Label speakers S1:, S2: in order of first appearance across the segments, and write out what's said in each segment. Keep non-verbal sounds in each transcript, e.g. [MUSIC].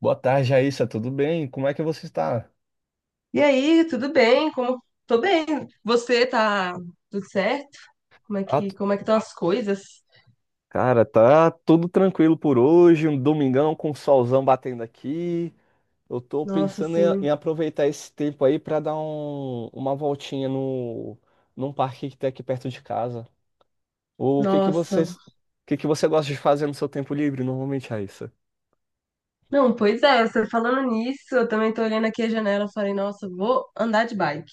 S1: Boa tarde, Raíssa. Tudo bem? Como é que você está?
S2: E aí, tudo bem? Como tô bem? Você tá tudo certo? Como é
S1: Ah,
S2: que
S1: tu-
S2: como é que estão as coisas?
S1: Cara, tá tudo tranquilo por hoje, um domingão com o solzão batendo aqui. Eu tô
S2: Nossa,
S1: pensando em,
S2: assim,
S1: em aproveitar esse tempo aí para dar uma voltinha no, num parque que tem aqui perto de casa. O que que você,
S2: nossa.
S1: o que que você gosta de fazer no seu tempo livre normalmente, Raíssa?
S2: Não, pois é, você falando nisso, eu também tô olhando aqui a janela, eu falei, nossa, vou andar de bike.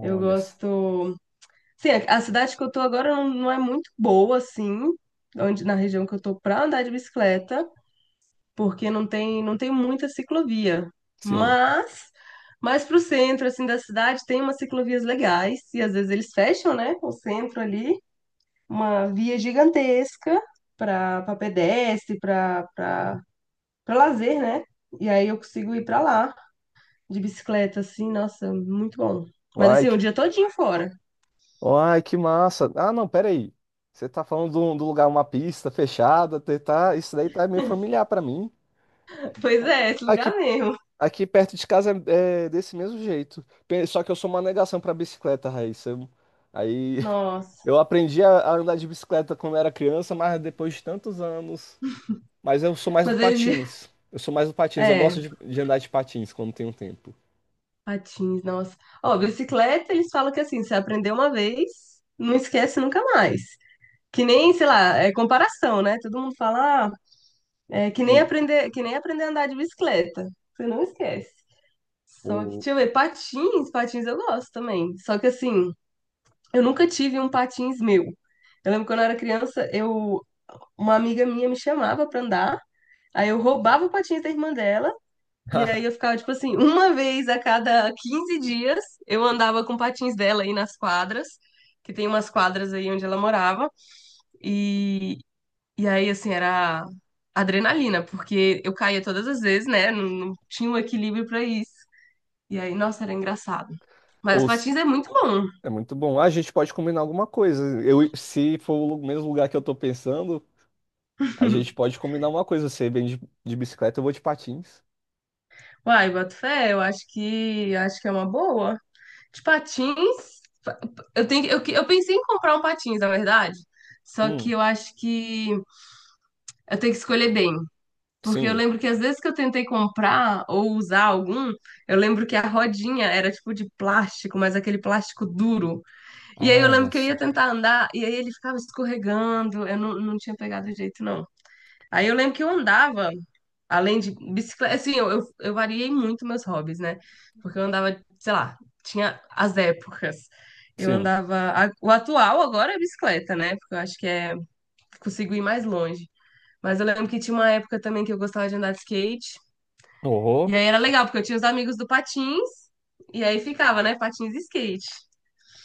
S2: Eu gosto. Sim, a cidade que eu tô agora não é muito boa assim, onde na região que eu tô pra andar de bicicleta. Porque não tem muita ciclovia.
S1: sim.
S2: Mas, mais para o centro assim da cidade tem umas ciclovias legais e às vezes eles fecham, né, o centro ali, uma via gigantesca para pedestre, para lazer, né? E aí eu consigo ir para lá de bicicleta assim, nossa, muito bom. Mas
S1: Ai,
S2: assim, o
S1: que,
S2: dia todinho fora.
S1: ai, que massa. Ah, não, peraí. Você tá falando do lugar, uma pista fechada, isso daí tá meio familiar para mim.
S2: [LAUGHS] Pois é, esse
S1: Aqui,
S2: lugar mesmo.
S1: aqui perto de casa é desse mesmo jeito. Só que eu sou uma negação pra bicicleta, Raíssa. Aí [LAUGHS]
S2: Nossa.
S1: eu aprendi a andar de bicicleta quando era criança, mas depois de tantos anos. Mas eu sou mais do
S2: Mas eles,
S1: patins. Eu sou mais do
S2: [LAUGHS]
S1: patins. Eu gosto
S2: é,
S1: de andar de patins quando tenho tempo.
S2: patins, nossa. Ó, bicicleta, eles falam que assim, você aprendeu uma vez, não esquece nunca mais. Que nem, sei lá, é comparação, né? Todo mundo fala, ah, é que nem
S1: Hum.
S2: aprender, que nem aprender a andar de bicicleta. Você não esquece. Só que,
S1: Ou,
S2: deixa eu ver, patins eu gosto também. Só que assim, eu nunca tive um patins meu. Eu lembro quando eu era criança, uma amiga minha me chamava pra andar, aí eu roubava o patins da irmã dela e aí eu
S1: [LAUGHS]
S2: ficava, tipo assim, uma [LAUGHS] vez a cada 15 dias eu andava com patins dela aí nas quadras, que tem umas quadras aí onde ela morava. E, e aí, assim, era adrenalina, porque eu caía todas as vezes, né? Não, não tinha um equilíbrio pra isso. E aí, nossa, era engraçado. Mas
S1: ou s-
S2: patins é muito bom.
S1: É muito bom. A gente pode combinar alguma coisa. Eu, se for mesmo lugar que eu tô pensando, a gente pode combinar uma coisa. Você vem de bicicleta, eu vou de patins.
S2: Uai, boto fé, eu acho que é uma boa. De patins, pa- pa- eu tenho, eu, que- eu pensei em comprar um patins, na verdade. Só que
S1: Hum,
S2: eu acho que eu tenho que escolher bem. Porque eu
S1: sim.
S2: lembro que às vezes que eu tentei comprar ou usar algum, eu lembro que a rodinha era tipo de plástico, mas aquele plástico duro. E aí eu
S1: Ai,
S2: lembro que eu
S1: nossa.
S2: ia tentar andar e aí ele ficava escorregando, eu não, não tinha pegado jeito, não. Aí eu lembro que eu andava, além de bicicleta, assim, eu variei muito meus hobbies, né? Porque eu andava, sei lá, tinha as épocas. Eu
S1: Sim.
S2: andava. O atual agora é bicicleta, né? Porque eu acho que consigo ir mais longe. Mas eu lembro que tinha uma época também que eu gostava de andar de skate. E
S1: Oh,
S2: aí era legal, porque eu tinha os amigos do patins, e aí ficava, né, patins e skate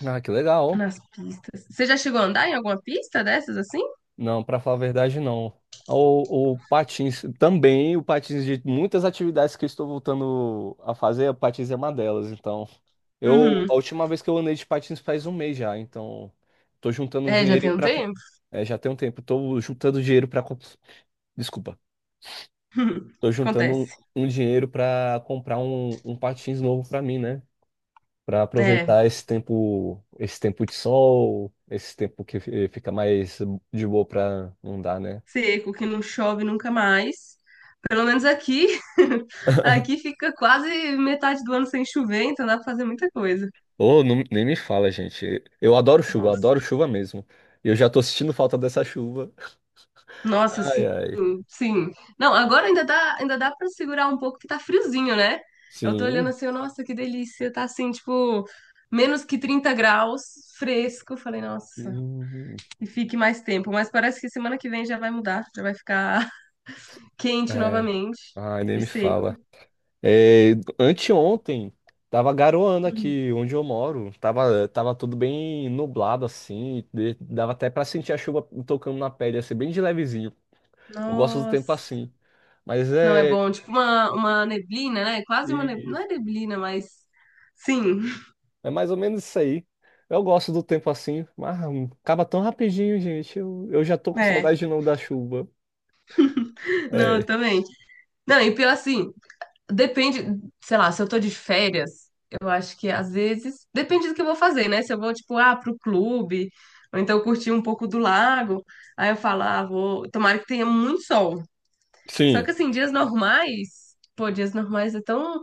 S1: ah, que legal.
S2: nas pistas. Você já chegou a andar em alguma pista dessas assim?
S1: Não, pra falar a verdade, não. O patins também, o patins de muitas atividades que eu estou voltando a fazer, o patins é uma delas. Então, eu a
S2: Uhum.
S1: última vez que eu andei de patins faz um mês já. Então, tô juntando um
S2: É, já tem
S1: dinheirinho
S2: um
S1: para...
S2: tempo.
S1: É, já tem um tempo. Tô juntando dinheiro para... Desculpa.
S2: [LAUGHS]
S1: Tô juntando
S2: Acontece.
S1: um dinheiro pra comprar um patins novo pra mim, né? Para
S2: É,
S1: aproveitar esse tempo de sol, esse tempo que fica mais de boa para andar, né?
S2: seco, que não chove nunca mais. Pelo menos aqui, [LAUGHS] aqui fica quase metade do ano sem chover, então dá pra fazer muita coisa.
S1: Ou não, nem me fala, gente. Eu adoro
S2: Nossa.
S1: chuva mesmo. Eu já tô sentindo falta dessa chuva.
S2: Nossa,
S1: Ai,
S2: sim,
S1: ai.
S2: sim. Não, agora ainda dá, para segurar um pouco que tá friozinho, né? Eu tô olhando
S1: Sim.
S2: assim, nossa, que delícia, tá assim, tipo, menos que 30 graus, fresco. Eu falei, nossa,
S1: Hum,
S2: e fique mais tempo, mas parece que semana que vem já vai mudar, já vai ficar [LAUGHS] quente
S1: é.
S2: novamente
S1: Ai, nem
S2: e
S1: me
S2: seco.
S1: fala. É, anteontem tava garoando
S2: Hum.
S1: aqui onde eu moro. Tava tudo bem nublado assim. Dava até pra sentir a chuva tocando na pele, assim, bem de levezinho. Eu gosto do tempo
S2: Nossa.
S1: assim. Mas
S2: Não é
S1: é,
S2: bom, tipo uma neblina, né? Quase uma neblina,
S1: e
S2: não é neblina, mas sim,
S1: é mais ou menos isso aí. Eu gosto do tempo assim, mas acaba tão rapidinho, gente. Eu já tô
S2: [LAUGHS]
S1: com
S2: é.
S1: saudade de novo da chuva.
S2: Não, eu
S1: É,
S2: também. Não, e pior assim, depende, sei lá, se eu tô de férias, eu acho que às vezes. Depende do que eu vou fazer, né? Se eu vou, tipo, ah, pro clube, ou então curtir um pouco do lago, aí eu falo, ah, vou. Tomara que tenha muito sol. Só
S1: sim.
S2: que, assim, dias normais. Pô, dias normais é tão.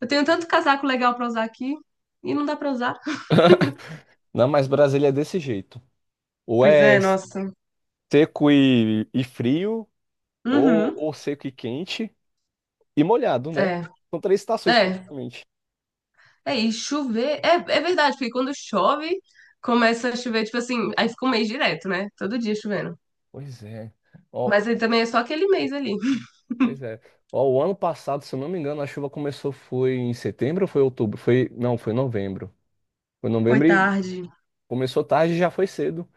S2: Eu tenho tanto casaco legal pra usar aqui e não dá pra usar.
S1: Não, mas Brasília é desse jeito. Ou
S2: Pois
S1: é
S2: é, nossa.
S1: seco e frio, ou,
S2: Uhum.
S1: ou seco e quente e molhado, né?
S2: É,
S1: São três estações
S2: é.
S1: praticamente.
S2: É, e chover. É, é verdade, porque quando chove, começa a chover, tipo assim, aí fica um mês direto, né? Todo dia chovendo.
S1: Pois é. Ó,
S2: Mas aí também é só aquele mês ali.
S1: pois é. Ó, o ano passado, se eu não me engano, a chuva começou foi em setembro ou foi outubro? Foi, não, foi novembro. Foi
S2: Foi
S1: novembro, e
S2: tarde.
S1: começou tarde e já foi cedo.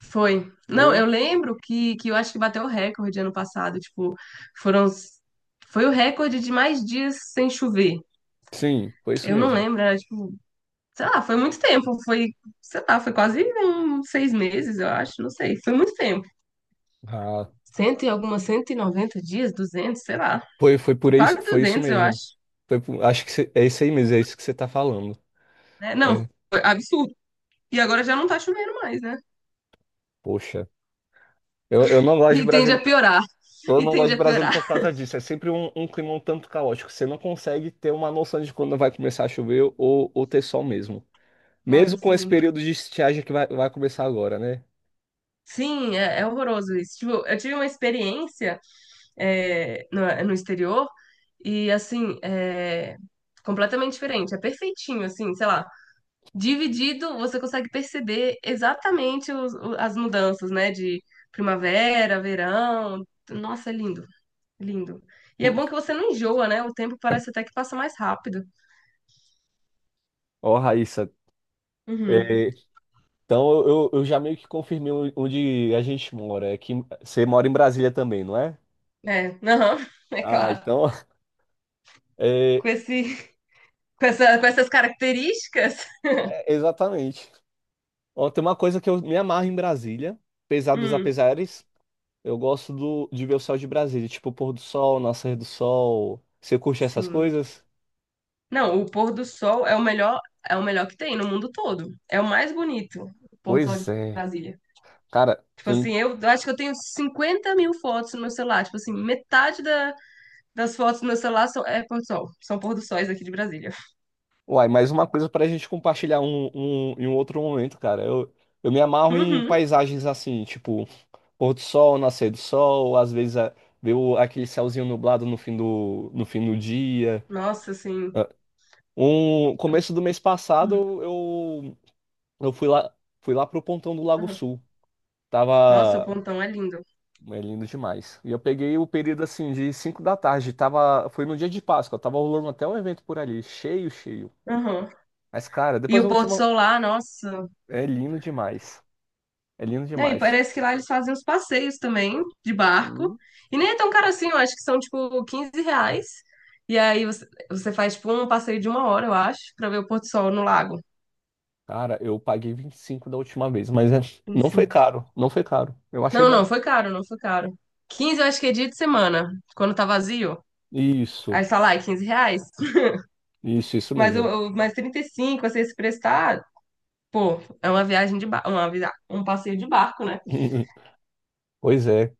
S2: Foi. Não,
S1: Foi.
S2: eu lembro que eu acho que bateu o recorde ano passado. Tipo, foram. Foi o recorde de mais dias sem chover.
S1: Sim, foi isso
S2: Eu não
S1: mesmo.
S2: lembro, era tipo. Sei lá, foi muito tempo. Sei lá, foi quase uns 6 meses, eu acho. Não sei. Foi muito tempo.
S1: Ah,
S2: Cento e algumas noventa dias, 200, sei lá.
S1: foi por isso,
S2: Quase
S1: foi isso
S2: 200, eu
S1: mesmo.
S2: acho.
S1: Acho que é isso aí mesmo, é isso que você tá falando.
S2: Né? Não,
S1: É,
S2: foi absurdo. E agora já não tá chovendo mais, né?
S1: poxa. Eu não gosto
S2: E
S1: de
S2: tende
S1: Brasília,
S2: a piorar. E tende a piorar.
S1: Por causa disso. É sempre um clima um tanto caótico. Você não consegue ter uma noção de quando vai começar a chover ou ter sol mesmo.
S2: Nossa,
S1: Mesmo com esse
S2: assim.
S1: período de estiagem que vai começar agora, né? [LAUGHS]
S2: Sim, é horroroso isso. Tipo, eu tive uma experiência no exterior e, assim, é completamente diferente. É perfeitinho, assim, sei lá. Dividido, você consegue perceber exatamente as mudanças, né? De primavera, verão. Nossa, é lindo, lindo. E é
S1: Hum.
S2: bom que você não enjoa, né? O tempo parece até que passa mais rápido.
S1: Ó, Raíssa.
S2: Uhum.
S1: é, então, eu já meio que confirmei onde a gente mora. É que você mora em Brasília também, não é?
S2: É, aham, [LAUGHS] é
S1: Ah,
S2: claro.
S1: então, [LAUGHS] é,
S2: Com esse, com essas características.
S1: exatamente. Ó, tem uma coisa que eu me amarro em Brasília, apesar dos
S2: Hum,
S1: apesares. Eu gosto de ver o céu de Brasília, tipo o pôr do sol, nascer do sol. Você curte essas
S2: sim.
S1: coisas?
S2: Não, o pôr do sol é o melhor que tem no mundo todo. É o mais bonito, o pôr do sol
S1: Pois
S2: de
S1: é.
S2: Brasília.
S1: Cara,
S2: Tipo assim,
S1: tem.
S2: eu acho que eu tenho 50 mil fotos no meu celular. Tipo assim, das fotos do meu celular são, é pôr do sol. São pôr do sóis aqui de Brasília.
S1: Uai, mais uma coisa pra gente compartilhar em um outro momento, cara. Eu me amarro em
S2: Uhum.
S1: paisagens assim, tipo pôr do sol, nascer do sol, às vezes ver aquele céuzinho nublado no fim do dia.
S2: Nossa, assim.
S1: Um começo do mês
S2: Uhum,
S1: passado eu fui lá pro Pontão do Lago
S2: uhum.
S1: Sul.
S2: Nossa, o
S1: Tava...
S2: pontão é lindo.
S1: É lindo demais. E eu peguei o período assim de 5 da tarde, tava foi no dia de Páscoa, tava rolando até um evento por ali, cheio, cheio.
S2: Uhum.
S1: Mas cara,
S2: E
S1: depois eu
S2: o
S1: vou
S2: pôr
S1: te
S2: do
S1: mandar.
S2: sol lá, nossa.
S1: É lindo demais. É lindo
S2: É, e
S1: demais.
S2: parece que lá eles fazem uns passeios também, de barco.
S1: Sim.
S2: E nem é tão caro assim, eu acho que são tipo R$ 15. E aí você faz tipo um passeio de 1 hora, eu acho, pra ver o pôr do sol no lago.
S1: Cara, eu paguei 25 da última vez, mas não foi
S2: 25.
S1: caro, não foi caro. Eu achei
S2: Não,
S1: bom.
S2: não, foi caro, não foi caro. 15, eu acho que é dia de semana, quando tá vazio.
S1: Isso,
S2: Aí você fala, ai, R$ 15.
S1: isso
S2: Mas, eu,
S1: mesmo.
S2: eu, mas 35, assim, se prestar, pô, é uma viagem de barco, um passeio de barco, né?
S1: [LAUGHS] Pois é.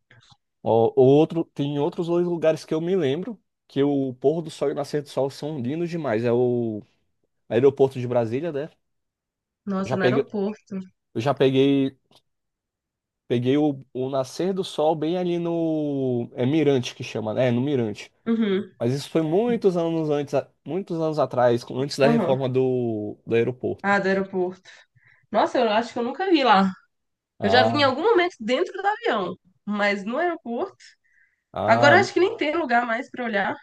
S1: Ó, tem outros dois lugares que eu me lembro que o pôr do sol e o nascer do sol são lindos demais. É o aeroporto de Brasília, né? Eu
S2: Nossa,
S1: já
S2: no
S1: peguei,
S2: aeroporto.
S1: eu já peguei, peguei o nascer do sol bem ali no Mirante que chama, né? No Mirante.
S2: Uhum,
S1: Mas isso foi muitos anos antes, muitos anos atrás, antes da
S2: uhum.
S1: reforma do aeroporto.
S2: Ah, do aeroporto. Nossa, eu acho que eu nunca vi lá. Eu já vi em
S1: Ah,
S2: algum momento dentro do avião, mas no aeroporto. Agora eu
S1: ah,
S2: acho que nem tem lugar mais pra olhar.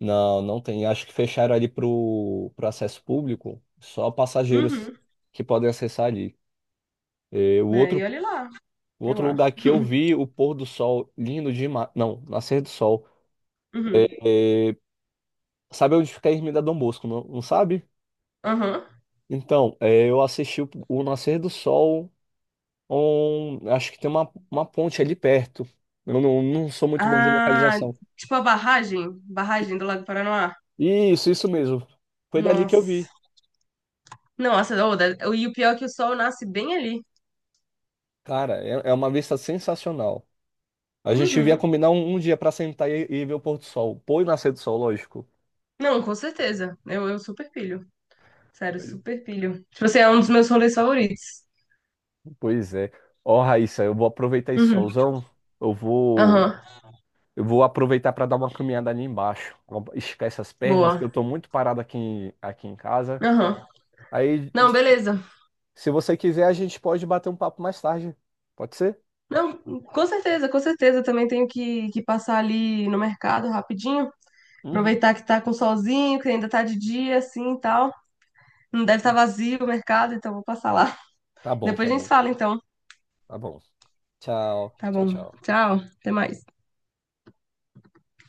S1: não, não tem. Acho que fecharam ali pro acesso público, só passageiros
S2: Uhum.
S1: que podem acessar ali. Eh, O
S2: Né? E
S1: outro
S2: olha lá,
S1: O
S2: eu
S1: outro
S2: acho.
S1: lugar que eu vi o pôr do sol lindo demais. Não, nascer do sol.
S2: Uhum.
S1: É, é, Sabe onde fica a Ermida Dom Bosco, não, não sabe?
S2: Aham.
S1: Então, eu assisti o nascer do sol. Acho que tem uma ponte ali perto. Eu não sou muito bom de
S2: Ah,
S1: localização.
S2: tipo a barragem, do Lago Paranoá.
S1: Isso mesmo. Foi dali que eu vi.
S2: Nossa. Nossa, ô, e o pior é que o sol nasce bem ali.
S1: Cara, é uma vista sensacional. A gente devia
S2: Uhum.
S1: combinar um dia pra sentar e ver o pôr do sol. Pôr e nascer do sol, lógico.
S2: Não, com certeza. Eu super pilho. Sério, super pilho. Tipo assim, é um dos meus rolês favoritos.
S1: Pois é. Ó, Raíssa, eu vou aproveitar esse
S2: Uhum.
S1: solzão. Eu vou,
S2: Aham.
S1: eu vou aproveitar para dar uma caminhada ali embaixo. Esticar essas pernas, que
S2: Boa.
S1: eu tô muito parado aqui, aqui em casa.
S2: Aham.
S1: Aí,
S2: Não,
S1: se
S2: beleza.
S1: se você quiser, a gente pode bater um papo mais tarde. Pode ser?
S2: Não, com certeza, com certeza. Também tenho que passar ali no mercado rapidinho.
S1: Uhum.
S2: Aproveitar que tá com solzinho, que ainda tá de dia, assim e tal. Não deve estar vazio o mercado, então vou passar lá.
S1: Tá
S2: [LAUGHS]
S1: bom,
S2: Depois
S1: tá
S2: a gente se
S1: bom.
S2: fala, então.
S1: Tá bom. Tchau,
S2: Tá
S1: tchau,
S2: bom.
S1: tchau.
S2: Tchau. Até mais.